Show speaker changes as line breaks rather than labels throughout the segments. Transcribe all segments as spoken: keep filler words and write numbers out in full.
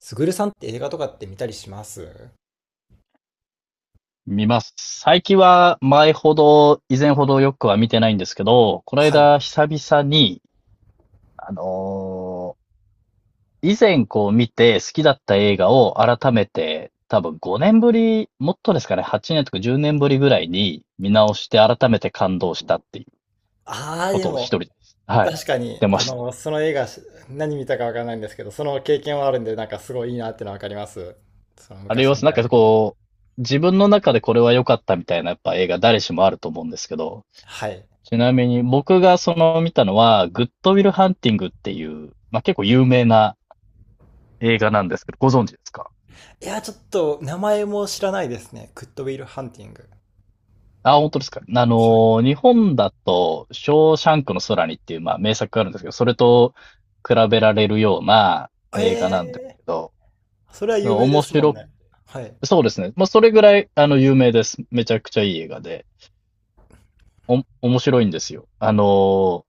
すぐるさんって映画とかって見たりします？
見ます。最近は前ほど、以前ほどよくは見てないんですけど、この
はい。
間久々に、あのー以前こう見て好きだった映画を改めて、多分ごねんぶり、もっとですかね、はちねんとかじゅうねんぶりぐらいに見直して改めて感動したっていう
ああー、
こ
で
とを一
も、
人です。はい。し
確かに、
てま
あ
した。
の、その映画、し何見たかわからないんですけど、その経験はあるんで、なんかすごいいいなってのはわかります。その
あれ
昔
は
見
なん
た
か
映画。
こう、自分の中でこれは良かったみたいなやっぱ映画誰しもあると思うんですけど、
はい。
ちなみに僕がその見たのは、グッドウィルハンティングっていう、まあ、結構有名な映画なんですけど、ご存知ですか？
いや、ちょっと、名前も知らないですね。グッドウィル・ハンティング。
あ、本当ですか。あ
は
の日本だと、ショーシャンクの空にっていう、まあ、名作があるんですけど、それと比べられるような
い。え
映画なんです
え
けど、
ー、それは有名で
面
すもん
白く、
ね。はい。
そうですね。まあ、それぐらい、あの、有名です。めちゃくちゃいい映画で、お、面白いんですよ。あの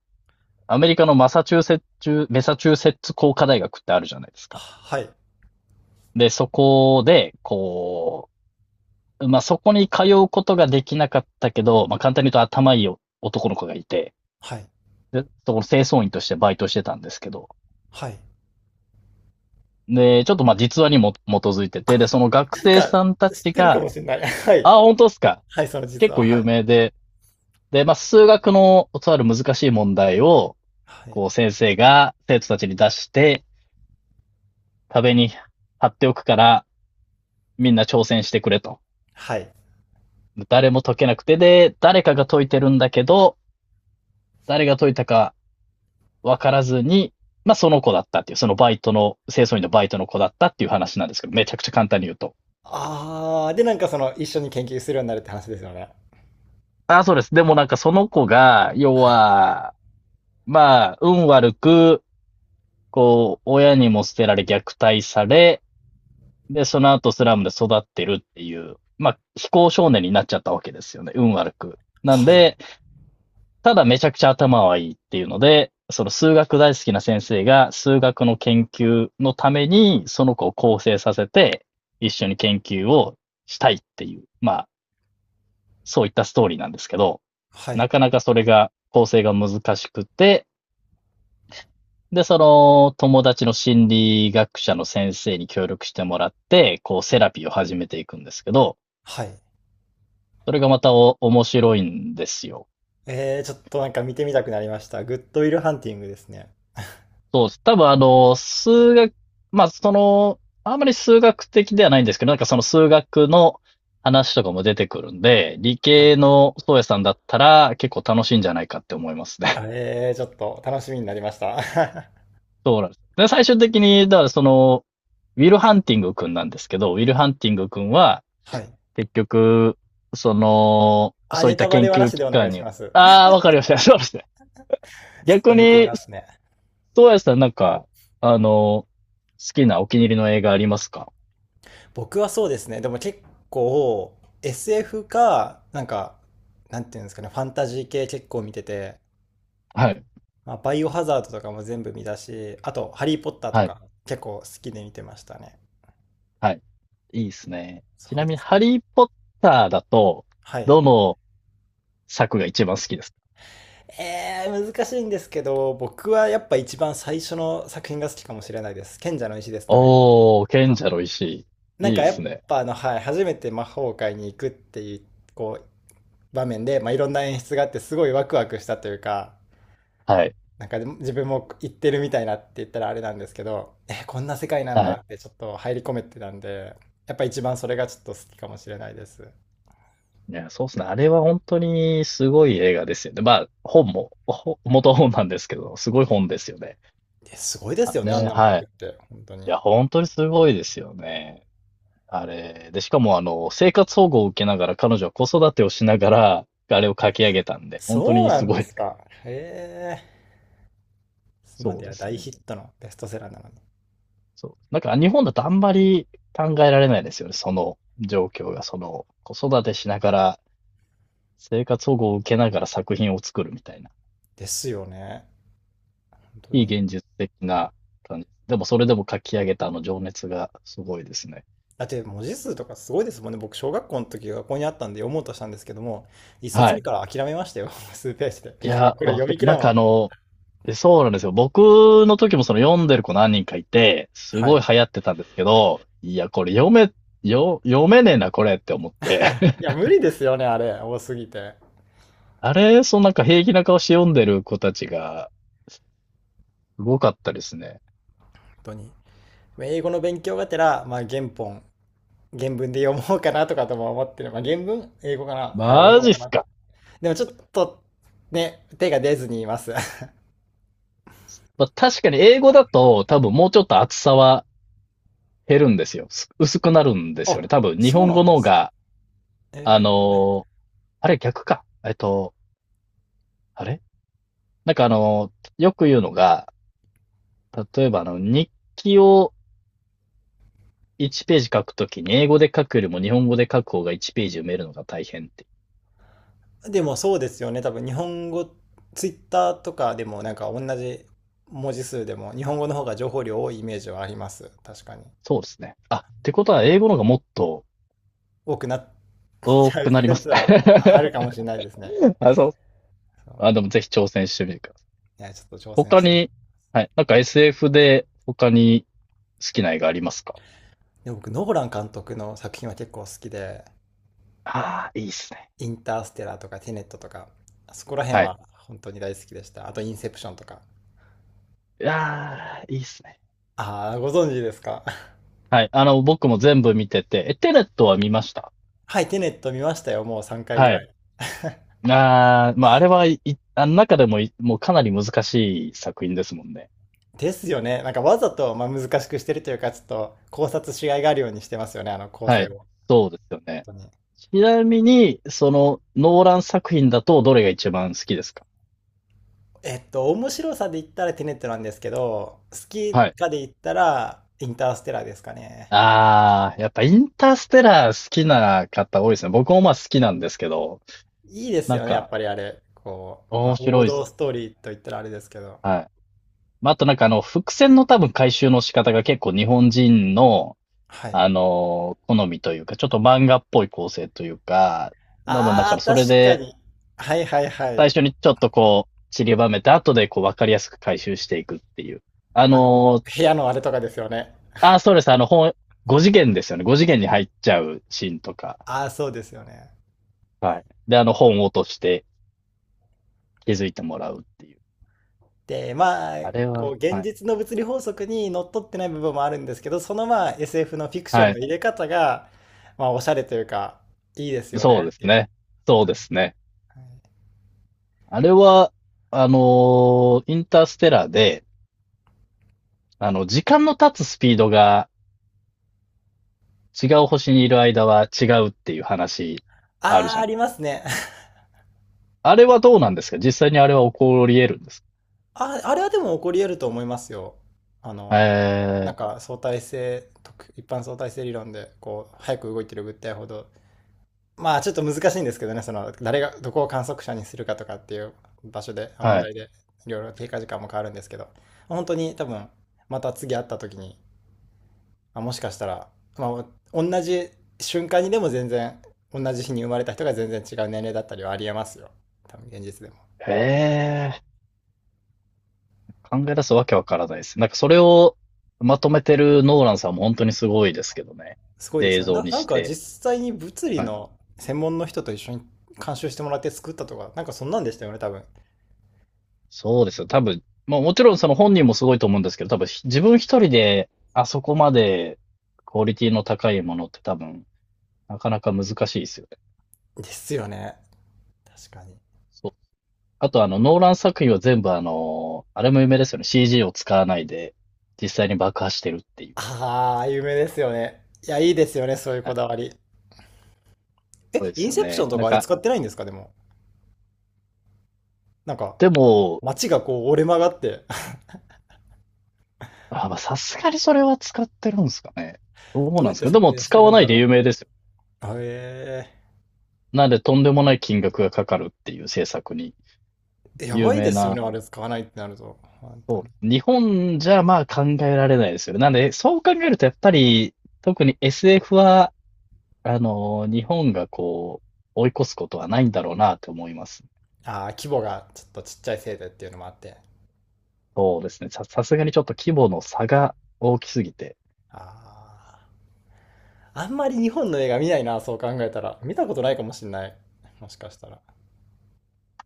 アメリカのマサチューセッツ、メサチューセッツ工科大学ってあるじゃないですか。
はい。
で、そこで、こう、まあ、そこに通うことができなかったけど、まあ、簡単に言うと頭いい男の子がいて、
はい。
で、そこの清掃員としてバイトしてたんですけど、
はい。
で、ちょっとまあ実話にも基づいてて、で、その学
なん
生
か、
さんた
知っ
ち
てるか
が、
もしれない。はい。
あ、本当ですか？
はい、その実
結
は、
構
は
有
い。
名で、で、まあ数学のとある難しい問題を、
はい。
こう先生が生徒たちに出して、壁に貼っておくから、みんな挑戦してくれと。
はい。
誰も解けなくて、で、誰かが解いてるんだけど、誰が解いたか分からずに、まあその子だったっていう、そのバイトの、清掃員のバイトの子だったっていう話なんですけど、めちゃくちゃ簡単に言うと。
ああ、で、なんかその、一緒に研究するようになるって話ですよね。
ああ、そうです。でもなんかその子が、要
はい。
は、まあ、運悪く、こう、親にも捨てられ虐待され、で、その後スラムで育ってるっていう、まあ、非行少年になっちゃったわけですよね。運悪く。なん
はい。
で、ただめちゃくちゃ頭はいいっていうので、その数学大好きな先生が数学の研究のためにその子を構成させて一緒に研究をしたいっていう、まあそういったストーリーなんですけど、
は
な
い。
かなかそれが構成が難しくて、で、その友達の心理学者の先生に協力してもらって、こうセラピーを始めていくんですけど、
はい。
それがまた面白いんですよ。
えー、ちょっとなんか見てみたくなりました。グッドウィルハンティングですね。
そうです。多分あの、数学、まあその、あんまり数学的ではないんですけど、なんかその数学の話とかも出てくるんで、理
は
系
い。
の宗谷さんだったら結構楽しいんじゃないかって思いますね。
はい。えー、ちょっと楽しみになりました。
そうなんです。で、最終的に、だからその、ウィル・ハンティング君なんですけど、ウィル・ハンティング君は、
はい。
結局、その、
あ、
そうい
ネ
った
タバ
研
レはな
究
し
機
でお願
関
い
に
し
は、
ます。
ああ、わかりました。そうですね。
ちょっ
逆
と見てみ
に、
ますね。
宗谷さんなんか、あの、好きなお気に入りの映画ありますか？
僕はそうですね。でも結構 エスエフ か、なんか、なんていうんですかね、ファンタジー系結構見てて、
はい。
まあ、バイオハザードとかも全部見たし、あと、ハリー・ポッターと
はい、
か結構好きで見てましたね。
はい。いいっすね。ち
そう
なみ
で
に、
す
ハ
ね。
リーポッターだと、
はい。
どの作が一番好きですか？
えー、難しいんですけど、僕はやっぱ一番最初の作品が好きかもしれないです。賢者の石ですかね。
おー、賢者の石。
なん
いい
か
で
や
す
っ
ね。
ぱあの、はい、初めて魔法界に行くっていう、こう、場面で、まあ、いろんな演出があって、すごいワクワクしたというか、
はい、
なんかでも自分も行ってるみたいなって言ったらあれなんですけど、えー、こんな世界なん
は
だ
い。
ってちょっと入り込めてたんで、やっぱ一番それがちょっと好きかもしれないです。
いや、そうですね。あれは本当にすごい映画ですよね。まあ、本も、ほ元本なんですけど、すごい本ですよね。
えすごいです
あ
よね、あ
ね、
んなの書
は
くっ
い。
て、本当に。
いや、本当にすごいですよね。あれ。で、しかも、あの、生活保護を受けながら、彼女は子育てをしながら、あれを書き上げたんで、本当
そう
に
な
す
ん
ご
で
い。
すか。へえ。今
そう
で
で
は
す
大ヒ
ね。
ットのベストセラーなのに。
そう。なんか日本だとあんまり考えられないですよね。その状況が、その子育てしながら生活保護を受けながら作品を作るみたいな。
ですよね。本当
非
に。
現実的な感じ。でもそれでも書き上げたあの情熱がすごいですね。
だって文字数とかすごいですもんね。僕、小学校の時学校にあったんで読もうとしたんですけども、一冊
は
目
い。
から諦めましたよ。数ページで。
い や、
これ
わ
読
か
み切
な
ら
ん
ん
か
わ
あ
と。
の、えそうなんですよ。僕の時もその読んでる子何人かいて、す
は
ご
い。
い流行ってたんですけど、いや、これ読め、よ、読めねえな、これって思って。
い や、無理ですよね、あれ。多すぎて。
あれ、そのなんか平気な顔して読んでる子たちが、すごかったですね。
本当に。英語の勉強がてら、まあ、原本、原文で読もうかなとかとも思ってる。まあ、原文英語かな、はい、読
マ
もう
ジっ
か
す
な。
か。
でもちょっと、ね、手が出ずにいます。
まあ、確かに英語だと多分もうちょっと厚さは減るんですよ。す薄くなるんですよ
あ、
ね。多分日
そう
本
な
語
ん
の
で
方
す。
が、あ
え
の
ー
ーあれ逆か。えっと、あれなんかあのーよく言うのが、例えばあの、日記をいちページページ書くときに英語で書くよりも日本語で書く方がいちページページ埋めるのが大変って。
でもそうですよね。多分日本語、ツイッターとかでもなんか同じ文字数でも日本語の方が情報量多いイメージはあります。確かに。
そうですね。あ、ってことは英語の方がもっと
多くなっ
多
ちゃう
くなります
説はああ
ね。
るかもしれないですね。
あ、そう。あ、で
そ
もぜひ挑戦してみてください。
う。いや、ちょっと挑戦
他
したい。
に、はい。なんか エスエフ で他に好きな映画ありますか？
で僕、ノーラン監督の作品は結構好きで、
ああ、いいっすね。
インターステラーとかテネットとか、そこら辺
はい。
は本当に大好きでした。あと、インセプションとか。
ああ、いいっすね。
ああ、ご存知ですか？
はい。あの、僕も全部見てて、え、テネットは見ました。
はい、テネット見ましたよ。もうさんかいぐ
は
ら
い。
い。
ああ、まあ、あれはい、あの中でもい、もうかなり難しい作品ですもんね。
ですよね。なんかわざと、まあ、難しくしてるというか、ちょっと考察しがいがあるようにしてますよね、あの構
は
成
い。
を。本
そうですよね。
当に。
ちなみに、その、ノーラン作品だとどれが一番好きですか？
えっと、面白さで言ったらテネットなんですけど、好き
はい。
かで言ったらインターステラーですかね。
ああ、やっぱインターステラー好きな方多いですね。僕もまあ好きなんですけど、
いいです
なん
よね、やっ
か
ぱりあれ。こう、ま
面
あ、王
白いっす。
道ストーリーと言ったらあれですけど。
はい。まあ、あとなんかあの、伏線の多分回収の仕方が結構日本人の、
はい。
あのー好みというか、ちょっと漫画っぽい構成というか、多分だか
あ
ら
あ、
それ
確か
で、
に。はいはいは
最
い。
初にちょっとこう、散りばめて、後でこう、わかりやすく回収していくっていう。あ
あ
の
の、
ー
部屋のあれとかですよね。
あー、そうです。あの、本、ごじげん次元ですよね。ごじげん次元に入っちゃうシーンとか。
ああ、そうですよね。
はい。で、あの、本を落として気づいてもらうっていう。
で、まあ、
あれ
こう、
は、
現
はい。
実の物理法則にのっとってない部分もあるんですけど、そのまあ エスエフ のフィクショ
は
ンの
い。
入れ方が、まあ、おしゃれというか、いいですよ
そ
ね
うで
っ
す
ていう。
ね。
本
そう
当に。
ですね。
はい、
あれは、あのーインターステラーで、あの、時間の経つスピードが違う星にいる間は違うっていう話ある
あ
じ
あ、
ゃ
あ
ない。
りますね。
あれはどうなんですか？実際にあれは起こり得るんです
あ、あれはでも起こり得ると思いますよ。あ
か？
の、な
え
んか相対性、特一般相対性理論で、こう、早く動いてる物体ほどまあちょっと難しいんですけどね、その誰がどこを観測者にするかとかっていう場所で、あ
ー、
問
はい。
題でいろいろ経過時間も変わるんですけど、本当に多分また次会った時に、まあもしかしたら、まあ、同じ瞬間にでも全然同じ日に生まれた人が全然違う年齢だったりはありえますよ。多分現実でも。
えー、考え出すわけわからないです。なんかそれをまとめてるノーランさんも本当にすごいですけどね。
すごいで
で、
す
映
よね。
像
な、
に
なん
し
か
て。
実際に物理
はい、
の専門の人と一緒に監修してもらって作ったとか、なんかそんなんでしたよね、多分。
そうですよ。多分、まあもちろんその本人もすごいと思うんですけど、多分ひ自分一人であそこまでクオリティの高いものって多分なかなか難しいですよね。
ですよね。確かに。
そう。あとあのノーラン作品は全部あの、あれも有名ですよね。シージー を使わないで実際に爆破してるっていう。
ああ、有名ですよね。いや、いいですよね、そういう
は
こ
い。
だわり。
すごい
え、
で
イ
す
ン
よ
セプション
ね。
と
なん
かあれ
か、
使ってないんですか、でも。なんか、
でも、
街がこう折れ曲がって。
あ、まあさすがにそれは使ってるんですかね。どう なん
どうや
で
っ
す
て
か？
撮
でも
影して
使
る
わ
ん
な
だ
いで
ろ
有名ですよ。
う。あえ
なんでとんでもない金額がかかるっていう制作に
ー、や
有
ばいで
名
すよ
な
ね、あれ使わないってなると。本当
そう
に。
です。日本じゃまあ考えられないですよね。なんで、そう考えるとやっぱり、特に エスエフ は、あの、日本がこう、追い越すことはないんだろうなと思います。
ああ、規模がちょっとちっちゃいせいでっていうのもあって。
そうですね。さ、さすがにちょっと規模の差が大きすぎて。
ああ、あんまり日本の映画見ないな、そう考えたら。見たことないかもしんない。もしかしたら。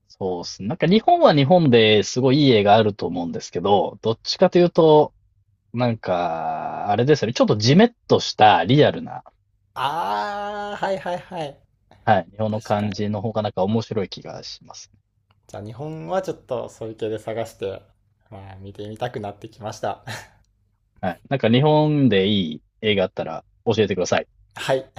そうですね。なんか日本は日本ですごいいい絵があると思うんですけど、どっちかというと、なんか、あれですよね。ちょっとジメッとしたリアルな、
ああ、はいはいはい。
はい、日本の
確か
感じ
に。
の方がなんか面白い気がします。
じゃあ日本はちょっとそういう系で探して、まあ見てみたくなってきました。
はい。なんか日本でいい映画あったら教えてください。
はい。